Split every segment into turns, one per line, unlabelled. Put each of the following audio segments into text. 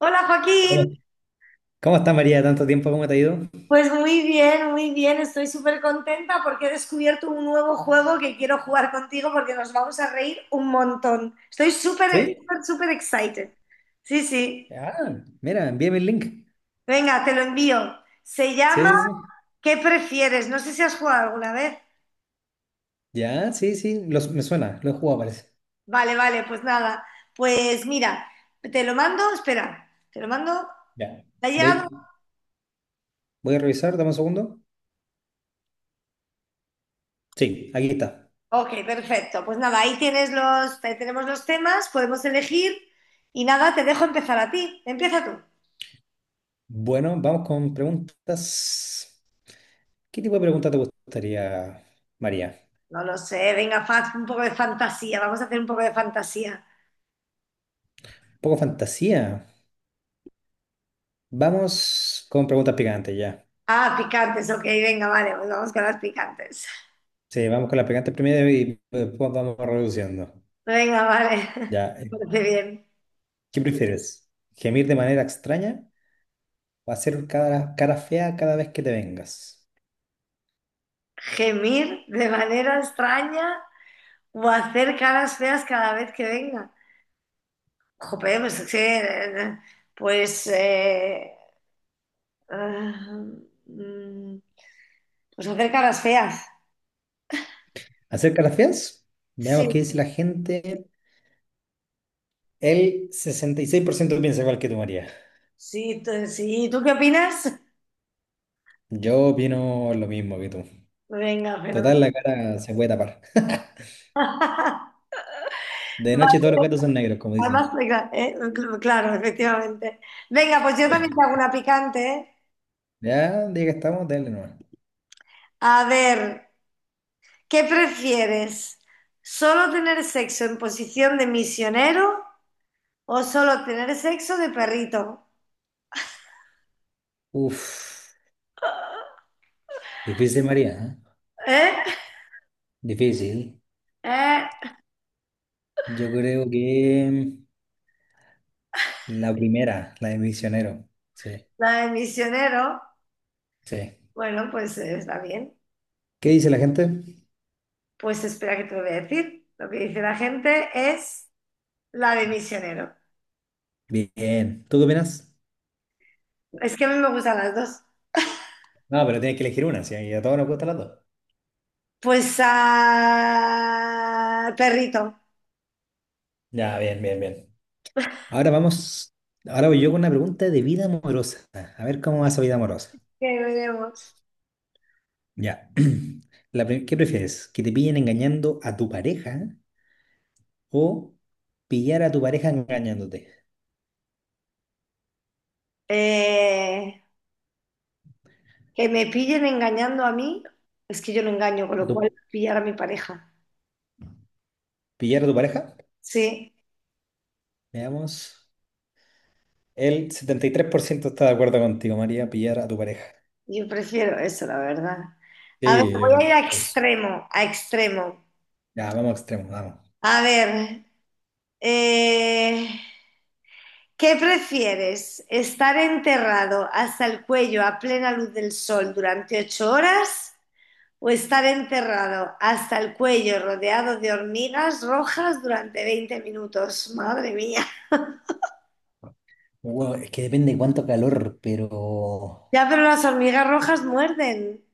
Hola Joaquín,
¿Cómo, cómo está María? Tanto tiempo. ¿Cómo te ha ido?
pues muy bien, estoy súper contenta porque he descubierto un nuevo juego que quiero jugar contigo porque nos vamos a reír un montón. Estoy súper,
¿Sí?
súper, súper excited. Sí, sí,
Ah, mira, envíame el link.
venga, te lo envío. Se
Sí,
llama
sí, sí.
¿Qué prefieres? No sé si has jugado alguna vez.
Ya, sí, sí. Me suena, lo he jugado, parece.
Vale, vale, pues nada. Pues mira, te lo mando, espera, te lo mando.
Ya.
¿Te ha llegado?
Voy, voy a revisar, dame un segundo. Sí, aquí está.
Ok, perfecto. Pues nada, ahí tienes los, ahí tenemos los temas, podemos elegir y nada, te dejo empezar a ti. Empieza tú.
Bueno, vamos con preguntas. ¿Qué tipo de pregunta te gustaría, María?
No lo sé, venga, faz un poco de fantasía, vamos a hacer un poco de fantasía.
Un poco fantasía. Vamos con preguntas picantes ya.
Ah, picantes, ok, venga, vale, pues vamos con las picantes.
Sí, vamos con las picantes primero y después vamos reduciendo.
Venga, vale,
Ya.
me parece bien.
¿Qué prefieres? ¿Gemir de manera extraña? Va a ser cara fea cada vez que te vengas.
Gemir de manera extraña o hacer caras feas cada vez que venga. Jope, pues es que, pues, ah, mm, pues hacer caras feas.
¿Hacer caras feas? Veamos
Sí,
qué dice la gente. El 66% piensa igual que tú, María.
Sí, sí, ¿tú qué opinas?
Yo opino lo mismo que tú.
Venga, fenomenal.
Total, la cara se puede tapar.
Vale,
De noche todos los gatos son negros, como
Además,
dicen.
venga, claro, efectivamente. Venga, pues yo también te hago una picante, ¿eh?
Ya, día que estamos, dale nomás.
A ver, ¿qué prefieres? ¿Solo tener sexo en posición de misionero o solo tener sexo de perrito?
Uf, difícil, María, ¿eh?
¿Eh?
Difícil.
¿Eh?
Yo creo que la primera, la de misionero. Sí,
La de misionero.
sí.
Bueno, pues está bien.
¿Qué dice la gente?
Pues espera que te lo voy a decir. Lo que dice la gente es la de misionero.
Bien. ¿Tú qué opinas?
Es que a mí me gustan las dos.
No, pero tienes que elegir una, sí, y a todos nos gustan las dos.
Pues a perrito,
Ya, bien, bien, bien. Ahora vamos, ahora voy yo con una pregunta de vida amorosa. A ver cómo va esa vida amorosa.
que veremos.
Ya. ¿Qué prefieres? ¿Que te pillen engañando a tu pareja o pillar a tu pareja engañándote?
Eh, que me pillen engañando a mí, es que yo no engaño, con
¿A
lo
tu,
cual pillar a mi pareja.
pillar a tu pareja?
Sí,
Veamos. El 73% está de acuerdo contigo, María, pillar a tu pareja.
yo prefiero eso, la verdad. A ver,
Sí,
voy a ir a
pues,
extremo, a extremo.
ya, vamos a extremos, vamos.
A ver, eh, ¿qué prefieres? ¿Estar enterrado hasta el cuello a plena luz del sol durante 8 horas o estar enterrado hasta el cuello rodeado de hormigas rojas durante 20 minutos? Madre mía.
Wow, es que depende de cuánto calor, pero
Ya, pero las hormigas rojas muerden.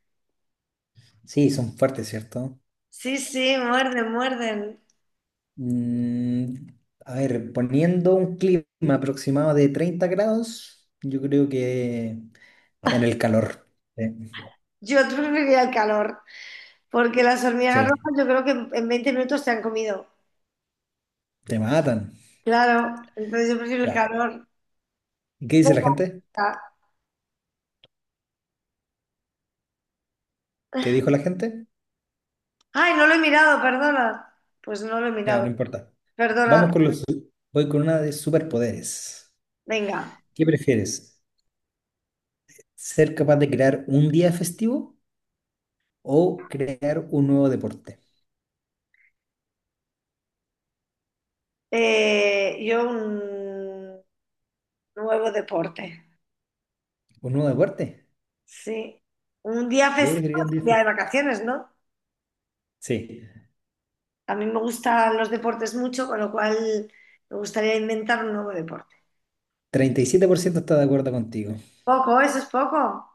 sí, son fuertes, ¿cierto?
Sí, sí, muerden, muerden.
Mm, a ver, poniendo un clima aproximado de 30 grados, yo creo que en el calor. Sí,
Yo preferiría el calor, porque las hormigas
sí,
rojas yo creo que en 20 minutos te han comido.
te matan.
Claro, entonces yo prefiero el
Ya.
calor.
¿Y qué
Da
dice la
igual.
gente? ¿Qué dijo la gente?
Ay, no lo he mirado, perdona. Pues no lo he
Ya, no
mirado.
importa.
Perdona.
Vamos con los... Voy con una de superpoderes.
Venga,
¿Qué prefieres? ¿Ser capaz de crear un día festivo o crear un nuevo deporte?
Yo un nuevo deporte.
¿Un nuevo deporte?
Sí. Un día
Yo
festivo
preferiría un
es
día
un día de
festivo.
vacaciones, ¿no?
Sí,
A mí me gustan los deportes mucho, con lo cual me gustaría inventar un nuevo deporte.
37% está de acuerdo contigo.
Poco, eso es poco.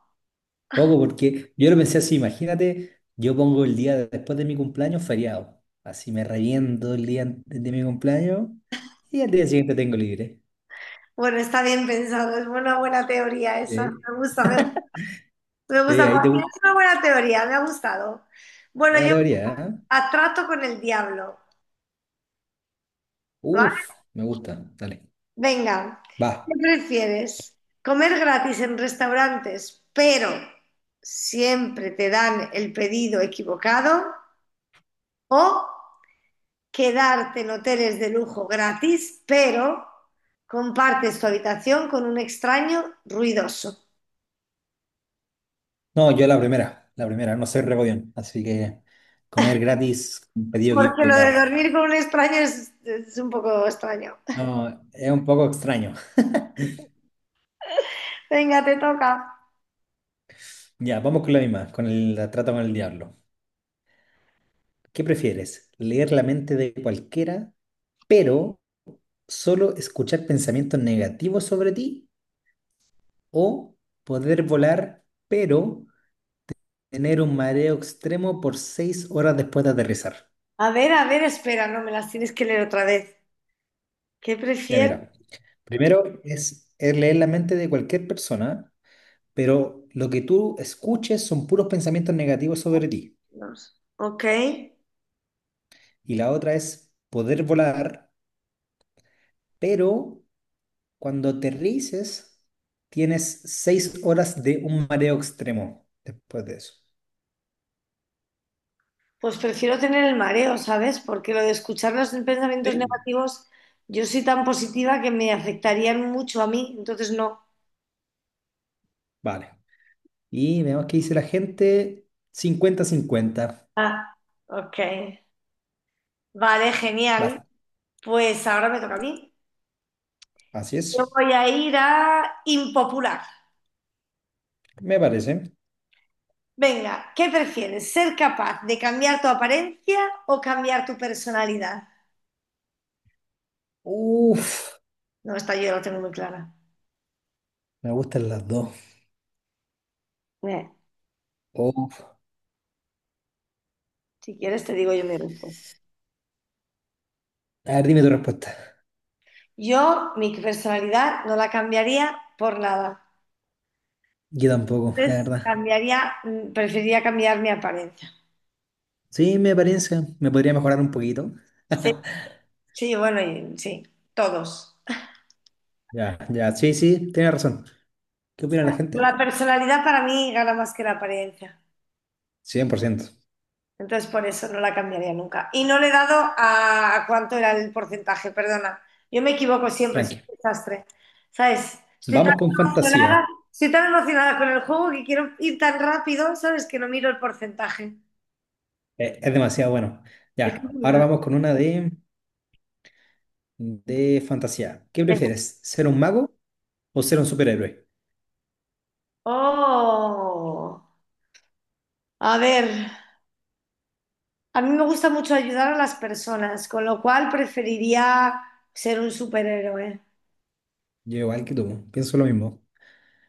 Poco, porque yo lo pensé así, imagínate, yo pongo después de mi cumpleaños feriado. Así me reviento el día antes de mi cumpleaños y al día siguiente tengo libre.
Bueno, está bien pensado, es una buena teoría esa.
Sí,
Me gusta, me
sí,
gusta.
ahí te
Joaquín,
gusta.
es una buena teoría, me ha gustado. Bueno,
Buena
yo
teoría, ¿eh?
a trato con el diablo, ¿vale?
Uf, me gusta. Dale.
Venga, ¿qué
Va.
prefieres? ¿Comer gratis en restaurantes, pero siempre te dan el pedido equivocado? ¿O quedarte en hoteles de lujo gratis, pero compartes tu habitación con un extraño ruidoso?
No, yo la primera, no soy regodión. Así que comer gratis, un pedido
Porque lo de
equivocado.
dormir con un extraño es un poco extraño.
No, es un poco extraño.
Venga, te toca.
Ya, vamos con la misma, con el trato con el diablo. ¿Qué prefieres? ¿Leer la mente de cualquiera, pero solo escuchar pensamientos negativos sobre ti? ¿O poder volar, pero tener un mareo extremo por 6 horas después de aterrizar?
A ver, espera, no me las tienes que leer otra vez. ¿Qué
Ya
prefieres?
mira, primero es leer la mente de cualquier persona, pero lo que tú escuches son puros pensamientos negativos sobre ti.
Ok.
Y la otra es poder volar, pero cuando aterrices, tienes 6 horas de un mareo extremo después de eso.
Pues prefiero tener el mareo, ¿sabes? Porque lo de escuchar los pensamientos
¿Sí?
negativos, yo soy tan positiva que me afectarían mucho a mí, entonces no.
Vale. Y veamos qué dice la gente. 50-50.
Ah, ok. Vale, genial.
Va.
Pues ahora me toca a mí.
Así
Yo
es.
voy a ir a impopular.
Me parece.
Venga, ¿qué prefieres? ¿Ser capaz de cambiar tu apariencia o cambiar tu personalidad?
Uf.
No, esta yo la tengo muy clara.
Me gustan las dos.
Eh,
Uf.
si quieres te digo yo mi respuesta.
A ver, dime tu respuesta.
Yo mi personalidad no la cambiaría por nada.
Yo tampoco, la
Entonces
verdad.
cambiaría, preferiría cambiar mi apariencia.
Sí, me parece. Me podría mejorar un poquito.
Sí, sí, bueno, sí, todos.
Ya, ya. Sí, sí, tienes razón. ¿Qué opina la gente?
La personalidad para mí gana más que la apariencia.
100%.
Entonces por eso no la cambiaría nunca. Y no le he dado a, cuánto era el porcentaje, perdona. Yo me equivoco siempre, soy
Tranqui.
un desastre. ¿Sabes?
Vamos con
Emocionada,
fantasía.
estoy tan emocionada con el juego que quiero ir tan rápido, ¿sabes? Que no miro el porcentaje.
Es demasiado bueno. Ya, ahora
Bueno,
vamos con una de fantasía. ¿Qué
venga.
prefieres? ¿Ser un mago o ser un superhéroe?
Oh, a ver, a mí me gusta mucho ayudar a las personas, con lo cual preferiría ser un superhéroe.
Yo igual que tú, pienso lo mismo.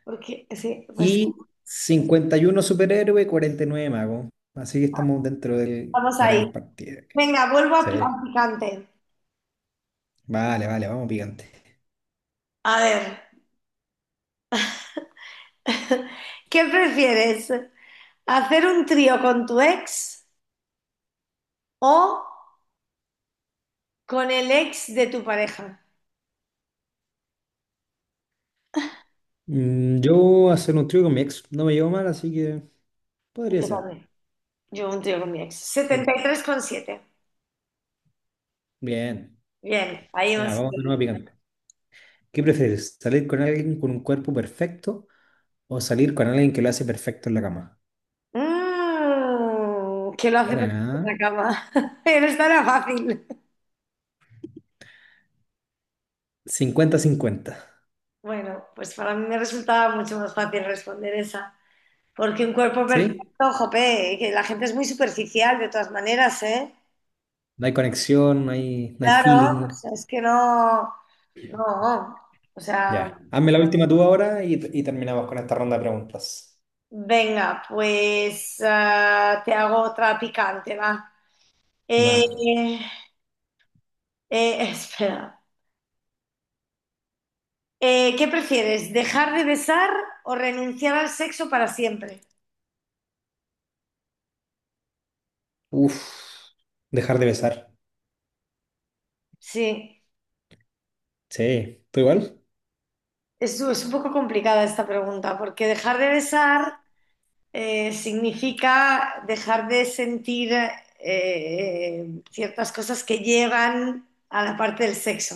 Porque sí, pues
Y 51 superhéroe, 49 mago. Así que estamos dentro del
estamos ahí.
gran partido.
Venga, vuelvo a
Sí,
a picante.
vale, vale, vamos picante.
A ver. ¿Qué prefieres? ¿Hacer un trío con tu ex o con el ex de tu pareja?
Mm, yo hacer un trío con mi ex no me llevo mal, así que podría
Yo
ser.
también. Yo un trío con mi ex. Setenta
Sí.
y tres coma siete.
Bien,
Bien, ahí
ya,
vamos.
vamos de nuevo picante. ¿Qué prefieres? ¿Salir con alguien con un cuerpo perfecto? O salir con alguien que lo hace perfecto en la cama.
Mmm, que lo hace perfecto en la
Buena,
cama. Pero esta era fácil.
cincuenta 50-50.
Bueno, pues para mí me resultaba mucho más fácil responder esa. Porque un cuerpo
¿Sí?
perfecto, jope, que la gente es muy superficial de todas maneras, ¿eh?
No hay conexión, no hay
Claro, o
feeling.
sea, es que no, no, o sea,
Ya. Hazme la última tú ahora y terminamos con esta ronda de preguntas.
venga, pues te hago otra picante, va.
Va.
Eh, espera, ¿qué prefieres, dejar de besar o renunciar al sexo para siempre?
Uf. Dejar de besar.
Sí,
Sí. ¿Tú igual?
es un poco complicada esta pregunta, porque dejar de besar significa dejar de sentir ciertas cosas que llegan a la parte del sexo.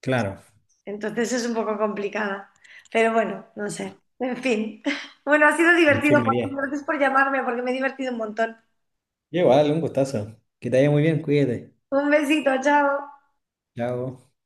Claro.
Entonces es un poco complicada. Pero bueno, no sé. En fin. Bueno, ha sido
En fin,
divertido, Juan.
María.
Gracias por llamarme porque me he divertido un montón.
Igual, un gustazo. Que te vaya muy bien, cuídate.
Un besito, chao.
Chao.